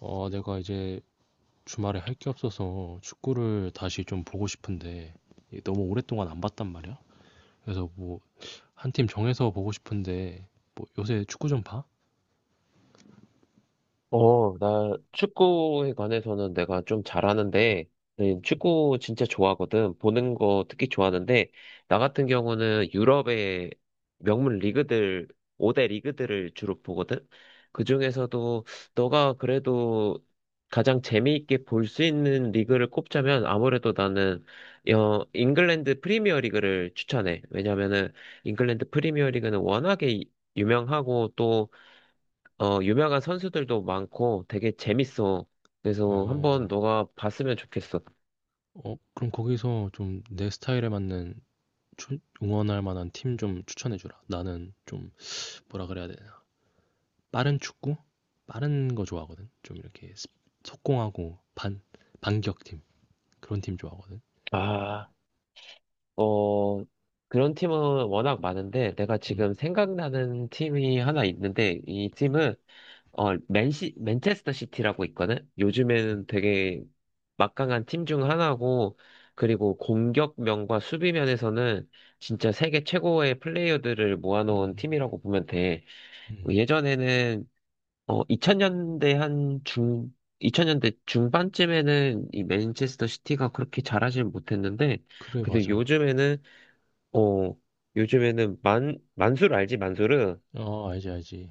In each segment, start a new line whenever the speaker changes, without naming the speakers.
내가 이제 주말에 할 게 없어서 축구를 다시 좀 보고 싶은데 이게 너무 오랫동안 안 봤단 말이야. 그래서 뭐 한 팀 정해서 보고 싶은데 뭐 요새 축구 좀 봐?
나 축구에 관해서는 내가 좀 잘하는데, 네, 축구 진짜 좋아하거든. 보는 거 특히 좋아하는데, 나 같은 경우는 유럽의 명문 리그들, 5대 리그들을 주로 보거든. 그 중에서도 너가 그래도 가장 재미있게 볼 수 있는 리그를 꼽자면 아무래도 나는 잉글랜드 프리미어 리그를 추천해. 왜냐면은 잉글랜드 프리미어 리그는 워낙에 유명하고 유명한 선수들도 많고 되게 재밌어. 그래서 한번
어,
너가 봤으면 좋겠어.
어, 그럼 거기서 좀 내 스타일에 맞는 응원할 만한 팀 좀 추천해 주라. 나는 좀 뭐라 그래야 되나? 빠른 축구? 빠른 거 좋아하거든. 좀 이렇게 속공하고 반 반격팀 그런 팀 좋아하거든.
아, 어, 그런 팀은 워낙 많은데 내가
음,
지금 생각나는 팀이 하나 있는데 이 팀은 맨체스터 시티라고 있거든?
음,
요즘에는 되게 막강한 팀 중 하나고, 그리고 공격면과 수비면에서는 진짜 세계 최고의 플레이어들을 모아놓은
음,
팀이라고 보면 돼.
음.
예전에는 2000년대 2000년대 중반쯤에는 이 맨체스터 시티가 그렇게 잘하진 못했는데,
그래
근데
맞아.
요즘에는, 어, 요즘에는 만수르 알지, 만수르?
어, 알지, 알지.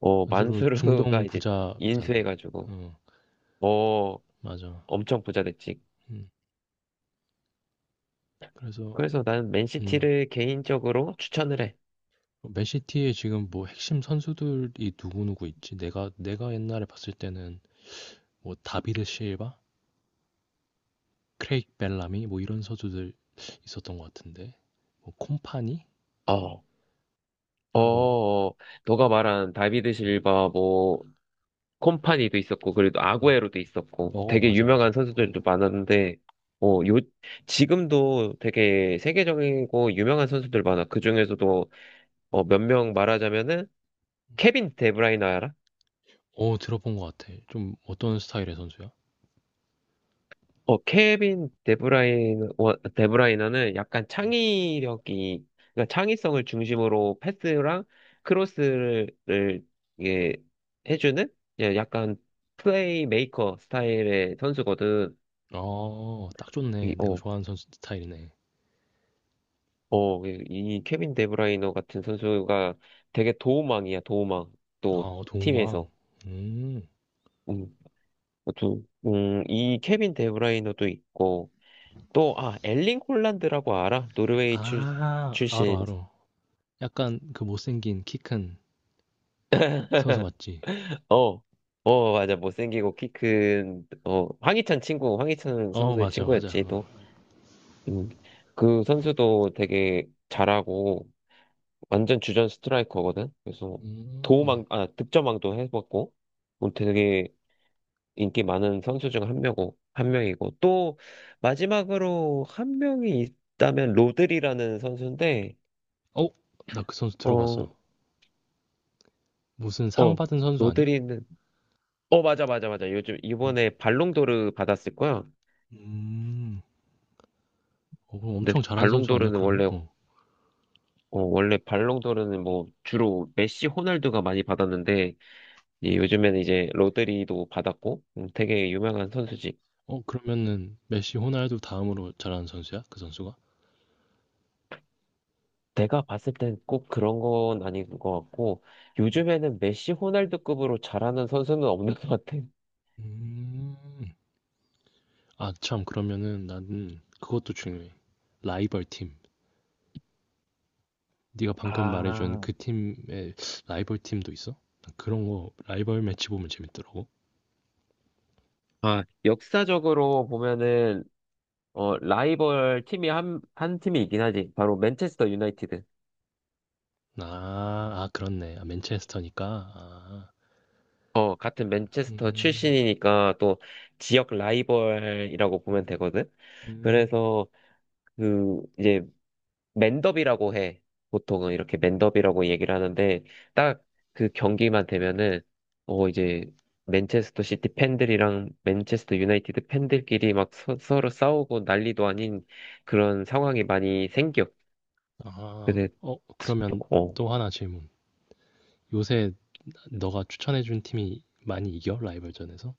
어,
안수로
만수르가
중동
이제
부자잖아.
인수해가지고,
어,
어,
맞아.
엄청 부자 됐지.
음, 그래서,
그래서 나는
음,
맨시티를 개인적으로 추천을 해.
맨시티에 지금 뭐 핵심 선수들이 누구누구 있지? 내가 옛날에 봤을 때는 뭐 다비드 실바? 크레이크 벨라미? 뭐 이런 선수들 있었던 것 같은데. 뭐 콤파니?
어,
하고,
어, 너가 말한 다비드
음,
실바, 콤파니도 있었고, 그래도
음.
아구에로도 있었고,
어,
되게
맞아,
유명한
맞아.
선수들도
어,
많았는데, 어, 요, 지금도 되게 세계적이고 유명한 선수들 많아. 그 중에서도, 몇 명 말하자면은, 케빈 데브라이너 알아?
어, 들어본 것 같아. 좀 어떤 스타일의 선수야?
케빈 데브라이너, 데브라이너는 약간
음.
창의력이, 그러니까 창의성을 중심으로 패스랑 크로스를, 이게, 해주는? 예, 약간 플레이메이커 스타일의 선수거든.
어, 딱
이,
좋네. 내가
어,
좋아하는 선수 스타일이네.
어, 이 이 케빈 데브라이너 같은 선수가 되게 도움망이야, 도움망. 또,
아, 도우망.
팀에서.
음.
음, 이 케빈 데브라이너도 있고, 또, 아, 엘링 홀란드라고 알아?
아, 알어,
출신.
알어. 약간 그 못생긴 키 큰 선수 맞지?
어, 맞아. 못생기고 키 큰, 황희찬 친구, 황희찬
어,
선수의
맞아, 맞아.
친구였지,
어.
또. 음, 그 선수도 되게 잘하고, 완전 주전 스트라이커거든? 그래서,
음.
도움망, 아, 득점왕도 해봤고, 뭐 되게, 인기 많은 선수 중 한 명이고, 또 마지막으로 한 명이 있다면 로드리라는 선수인데,
어, 나 그 선수
어,
들어봤어. 무슨 상
어,
받은 선수 아니야?
로드리는, 어, 맞아. 요즘
음.
이번에 발롱도르 받았을 거야.
음. 어, 그럼
근데
엄청 잘한 선수 아니야,
발롱도르는
그러면? 어.
원래 발롱도르는 뭐 주로 메시, 호날두가 많이 받았는데, 이 요즘에는 이제 로드리도 받았고, 되게 유명한 선수지.
어, 그러면은 메시, 호날두 다음으로 잘하는 선수야? 그 선수가?
내가 봤을 땐 꼭 그런 건 아닌 것 같고, 요즘에는 메시 호날두급으로 잘하는 선수는 없는 것 같아.
음. 아, 참, 그러면은 나는 그것도 중요해. 라이벌 팀. 네가 방금 말해준
아,
그 팀의 라이벌 팀도 있어? 난 그런 거 라이벌 매치 보면 재밌더라고.
역사적으로 보면은, 어, 라이벌 팀이 한 팀이 있긴 하지. 바로 맨체스터 유나이티드.
아. 아 그렇네. 아 맨체스터니까. 아.
어, 같은 맨체스터
음.
출신이니까 또 지역 라이벌이라고 보면
음.
되거든.
음.
그래서 이제 맨더비라고 해. 보통은 이렇게 맨더비라고 얘기를 하는데, 딱 그 경기만 되면은, 어, 이제, 맨체스터 시티 팬들이랑 맨체스터 유나이티드 팬들끼리 막 서로 싸우고 난리도 아닌 그런 상황이 많이 생겨.
아.
근데,
어 그러면
어,
또 하나 질문. 요새 너가 추천해 준 팀이 많이 이겨? 라이벌전에서?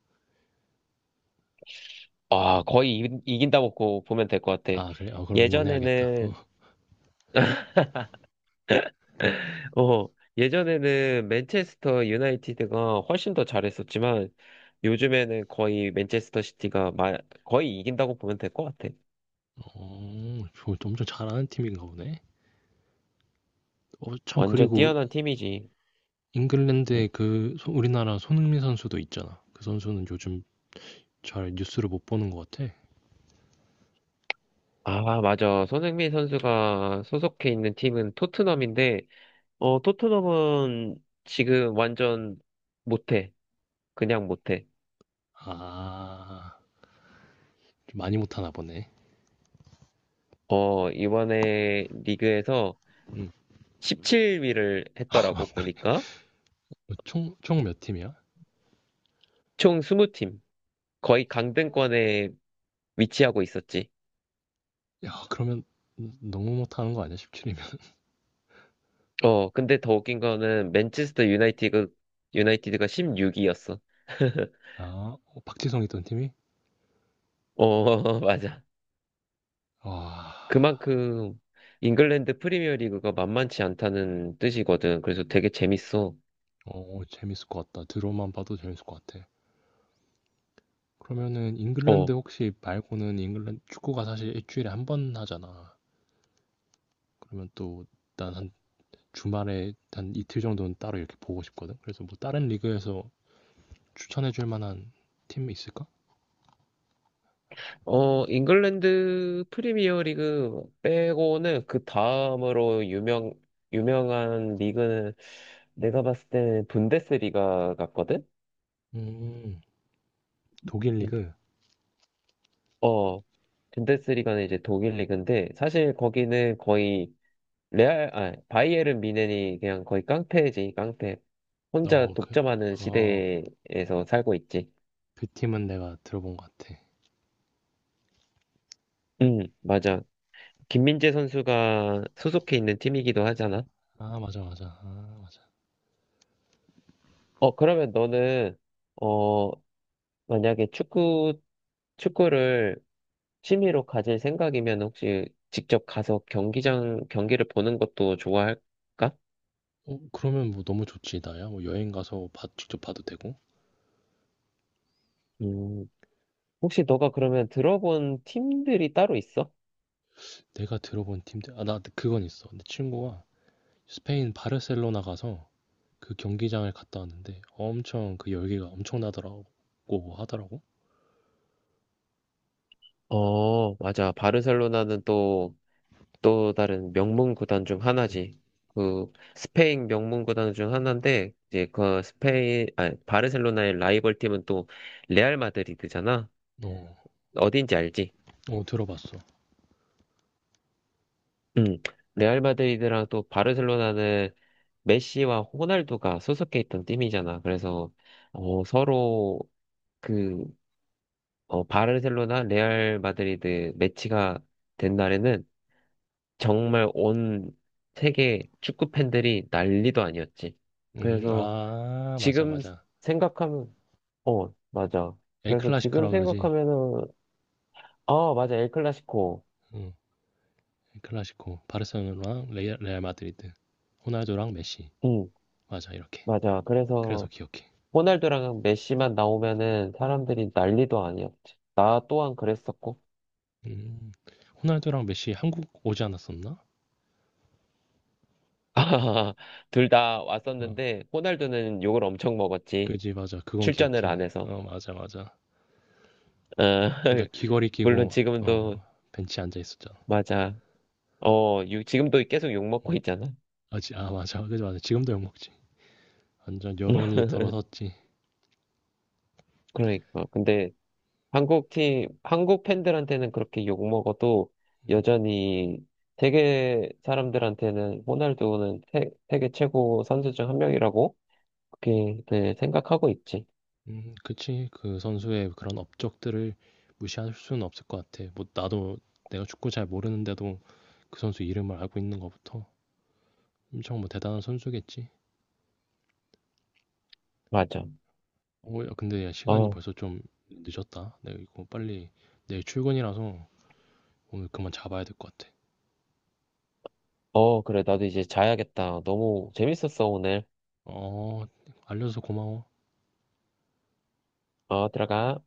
아, 거의 이긴다 먹고 보면 될 것 같아.
아 그래? 아 그럼 응원해야겠다. 어.
예전에는 어, 예전에는 맨체스터 유나이티드가 훨씬 더 잘했었지만 요즘에는 거의 맨체스터 시티가 거의 이긴다고 보면 될 것 같아.
어. 저 엄청 잘하는 팀인가 보네. 어 참
완전
그리고
뛰어난 팀이지.
잉글랜드에
응.
그 우리나라 손흥민 선수도 있잖아. 그 선수는 요즘 잘 뉴스를 못 보는 것 같아.
아, 맞아. 손흥민 선수가 소속해 있는 팀은 토트넘인데, 어, 토트넘은 지금 완전 못해. 그냥 못해.
아. 좀 많이 못 하나 보네.
어, 이번에 리그에서
음.
17위를 했더라고, 보니까.
어 총 몇 팀이야?
총 20팀. 거의 강등권에 위치하고 있었지.
야, 그러면 너무 못하는 거 아니야? 17이면.
어, 근데 더 웃긴 거는 유나이티드가 16위였어.
아, 어, 박지성 있던 팀이?
어, 맞아.
와,
그만큼 잉글랜드 프리미어리그가 만만치 않다는 뜻이거든. 그래서 되게 재밌어.
어, 어, 재밌을 것 같다. 들어만 봐도 재밌을 것 같아. 그러면은 잉글랜드
어,
혹시 말고는 잉글랜드 축구가 사실 일주일에 한 번 하잖아. 그러면 또 난 한 주말에 한 이틀 정도는 따로 이렇게 보고 싶거든. 그래서 뭐 다른 리그에서 추천해 줄 만한 팀 있을까?
잉글랜드 프리미어리그 빼고는 그 다음으로 유명한 리그는 내가 봤을 때는 분데스리가 같거든.
음, 독일
음.
리그.
어, 분데스리가는 이제 독일 리그인데 사실 거기는 거의 바이에른 미헨이 그냥 거의 깡패지, 깡패. 혼자
어, 그,
독점하는
어,
시대에서 살고 있지.
그 팀은 내가 들어본 것 같아.
응, 맞아. 김민재 선수가 소속해 있는 팀이기도 하잖아.
아, 맞아, 맞아. 아,
그러면 너는, 어, 만약에 축구를 취미로 가질 생각이면 혹시 직접 가서 경기를 보는 것도 좋아할까?
어 그러면 뭐 너무 좋지 나야. 뭐 여행 가서 직접 봐도 되고.
음, 혹시 너가 그러면 들어본 팀들이 따로 있어?
내가 들어본 팀들 아 나 그건 있어. 내 친구가 스페인 바르셀로나 가서 그 경기장을 갔다 왔는데 엄청 그 열기가 엄청나더라고 하더라고.
어, 맞아. 바르셀로나는 또 또 다른 명문 구단 중
응.
하나지. 그 스페인 명문 구단 중 하나인데 이제 그 스페인 아 바르셀로나의 라이벌 팀은 또 레알 마드리드잖아.
어,
어딘지 알지?
어 들어봤어.
음. 레알 마드리드랑 또 바르셀로나는 메시와 호날두가 소속해 있던 팀이잖아. 그래서 어 서로 그 바르셀로나 레알 마드리드 매치가 된 날에는 정말 온 세계 축구 팬들이 난리도 아니었지. 그래서
아 맞아
지금
맞아.
생각하면, 어, 맞아. 그래서 지금
엘클라시코라 그러지.
생각하면은, 어, 맞아. 엘 클라시코.
응. 엘클라시코 바르셀로나랑 레알 마드리드. 호날두랑 메시.
응,
맞아 이렇게.
맞아.
그래서
그래서
기억해.
호날두랑 메시만 나오면은 사람들이 난리도 아니었지.
맞아.
나 또한 그랬었고.
음. 호날두랑 메시 한국 오지 않았었나?
둘 다
어,
왔었는데, 호날두는 욕을 엄청 먹었지.
그지 맞아 그건
출전을 안
기억해
해서.
어 맞아 맞아
어,
혼자 귀걸이
물론
끼고
지금도,
어 벤치에 앉아 있었잖아
맞아. 지금도 계속 욕 먹고
음.
있잖아.
아, 지, 아 맞아 그지 맞아 지금도 욕먹지 완전 여론이 들어섰지
그러니까. 근데 한국 팬들한테는 그렇게 욕 먹어도
음,
여전히 세계 사람들한테는 호날두는 세계 최고 선수 중 한 명이라고 그렇게 네, 생각하고 있지.
그치 그 선수의 그런 업적들을 무시할 수는 없을 것 같아 뭐 나도 내가 축구 잘 모르는데도 그 선수 이름을 알고 있는 것부터 엄청 뭐 대단한 선수겠지
맞아.
어 야, 근데 야 시간이
어,
벌써 좀 늦었다 내가 이거 빨리 내일 출근이라서 오늘 그만 잡아야 될 것 같아
그래. 나도 이제 자야겠다. 너무 재밌었어, 오늘.
어 알려줘서 고마워
어, 들어가.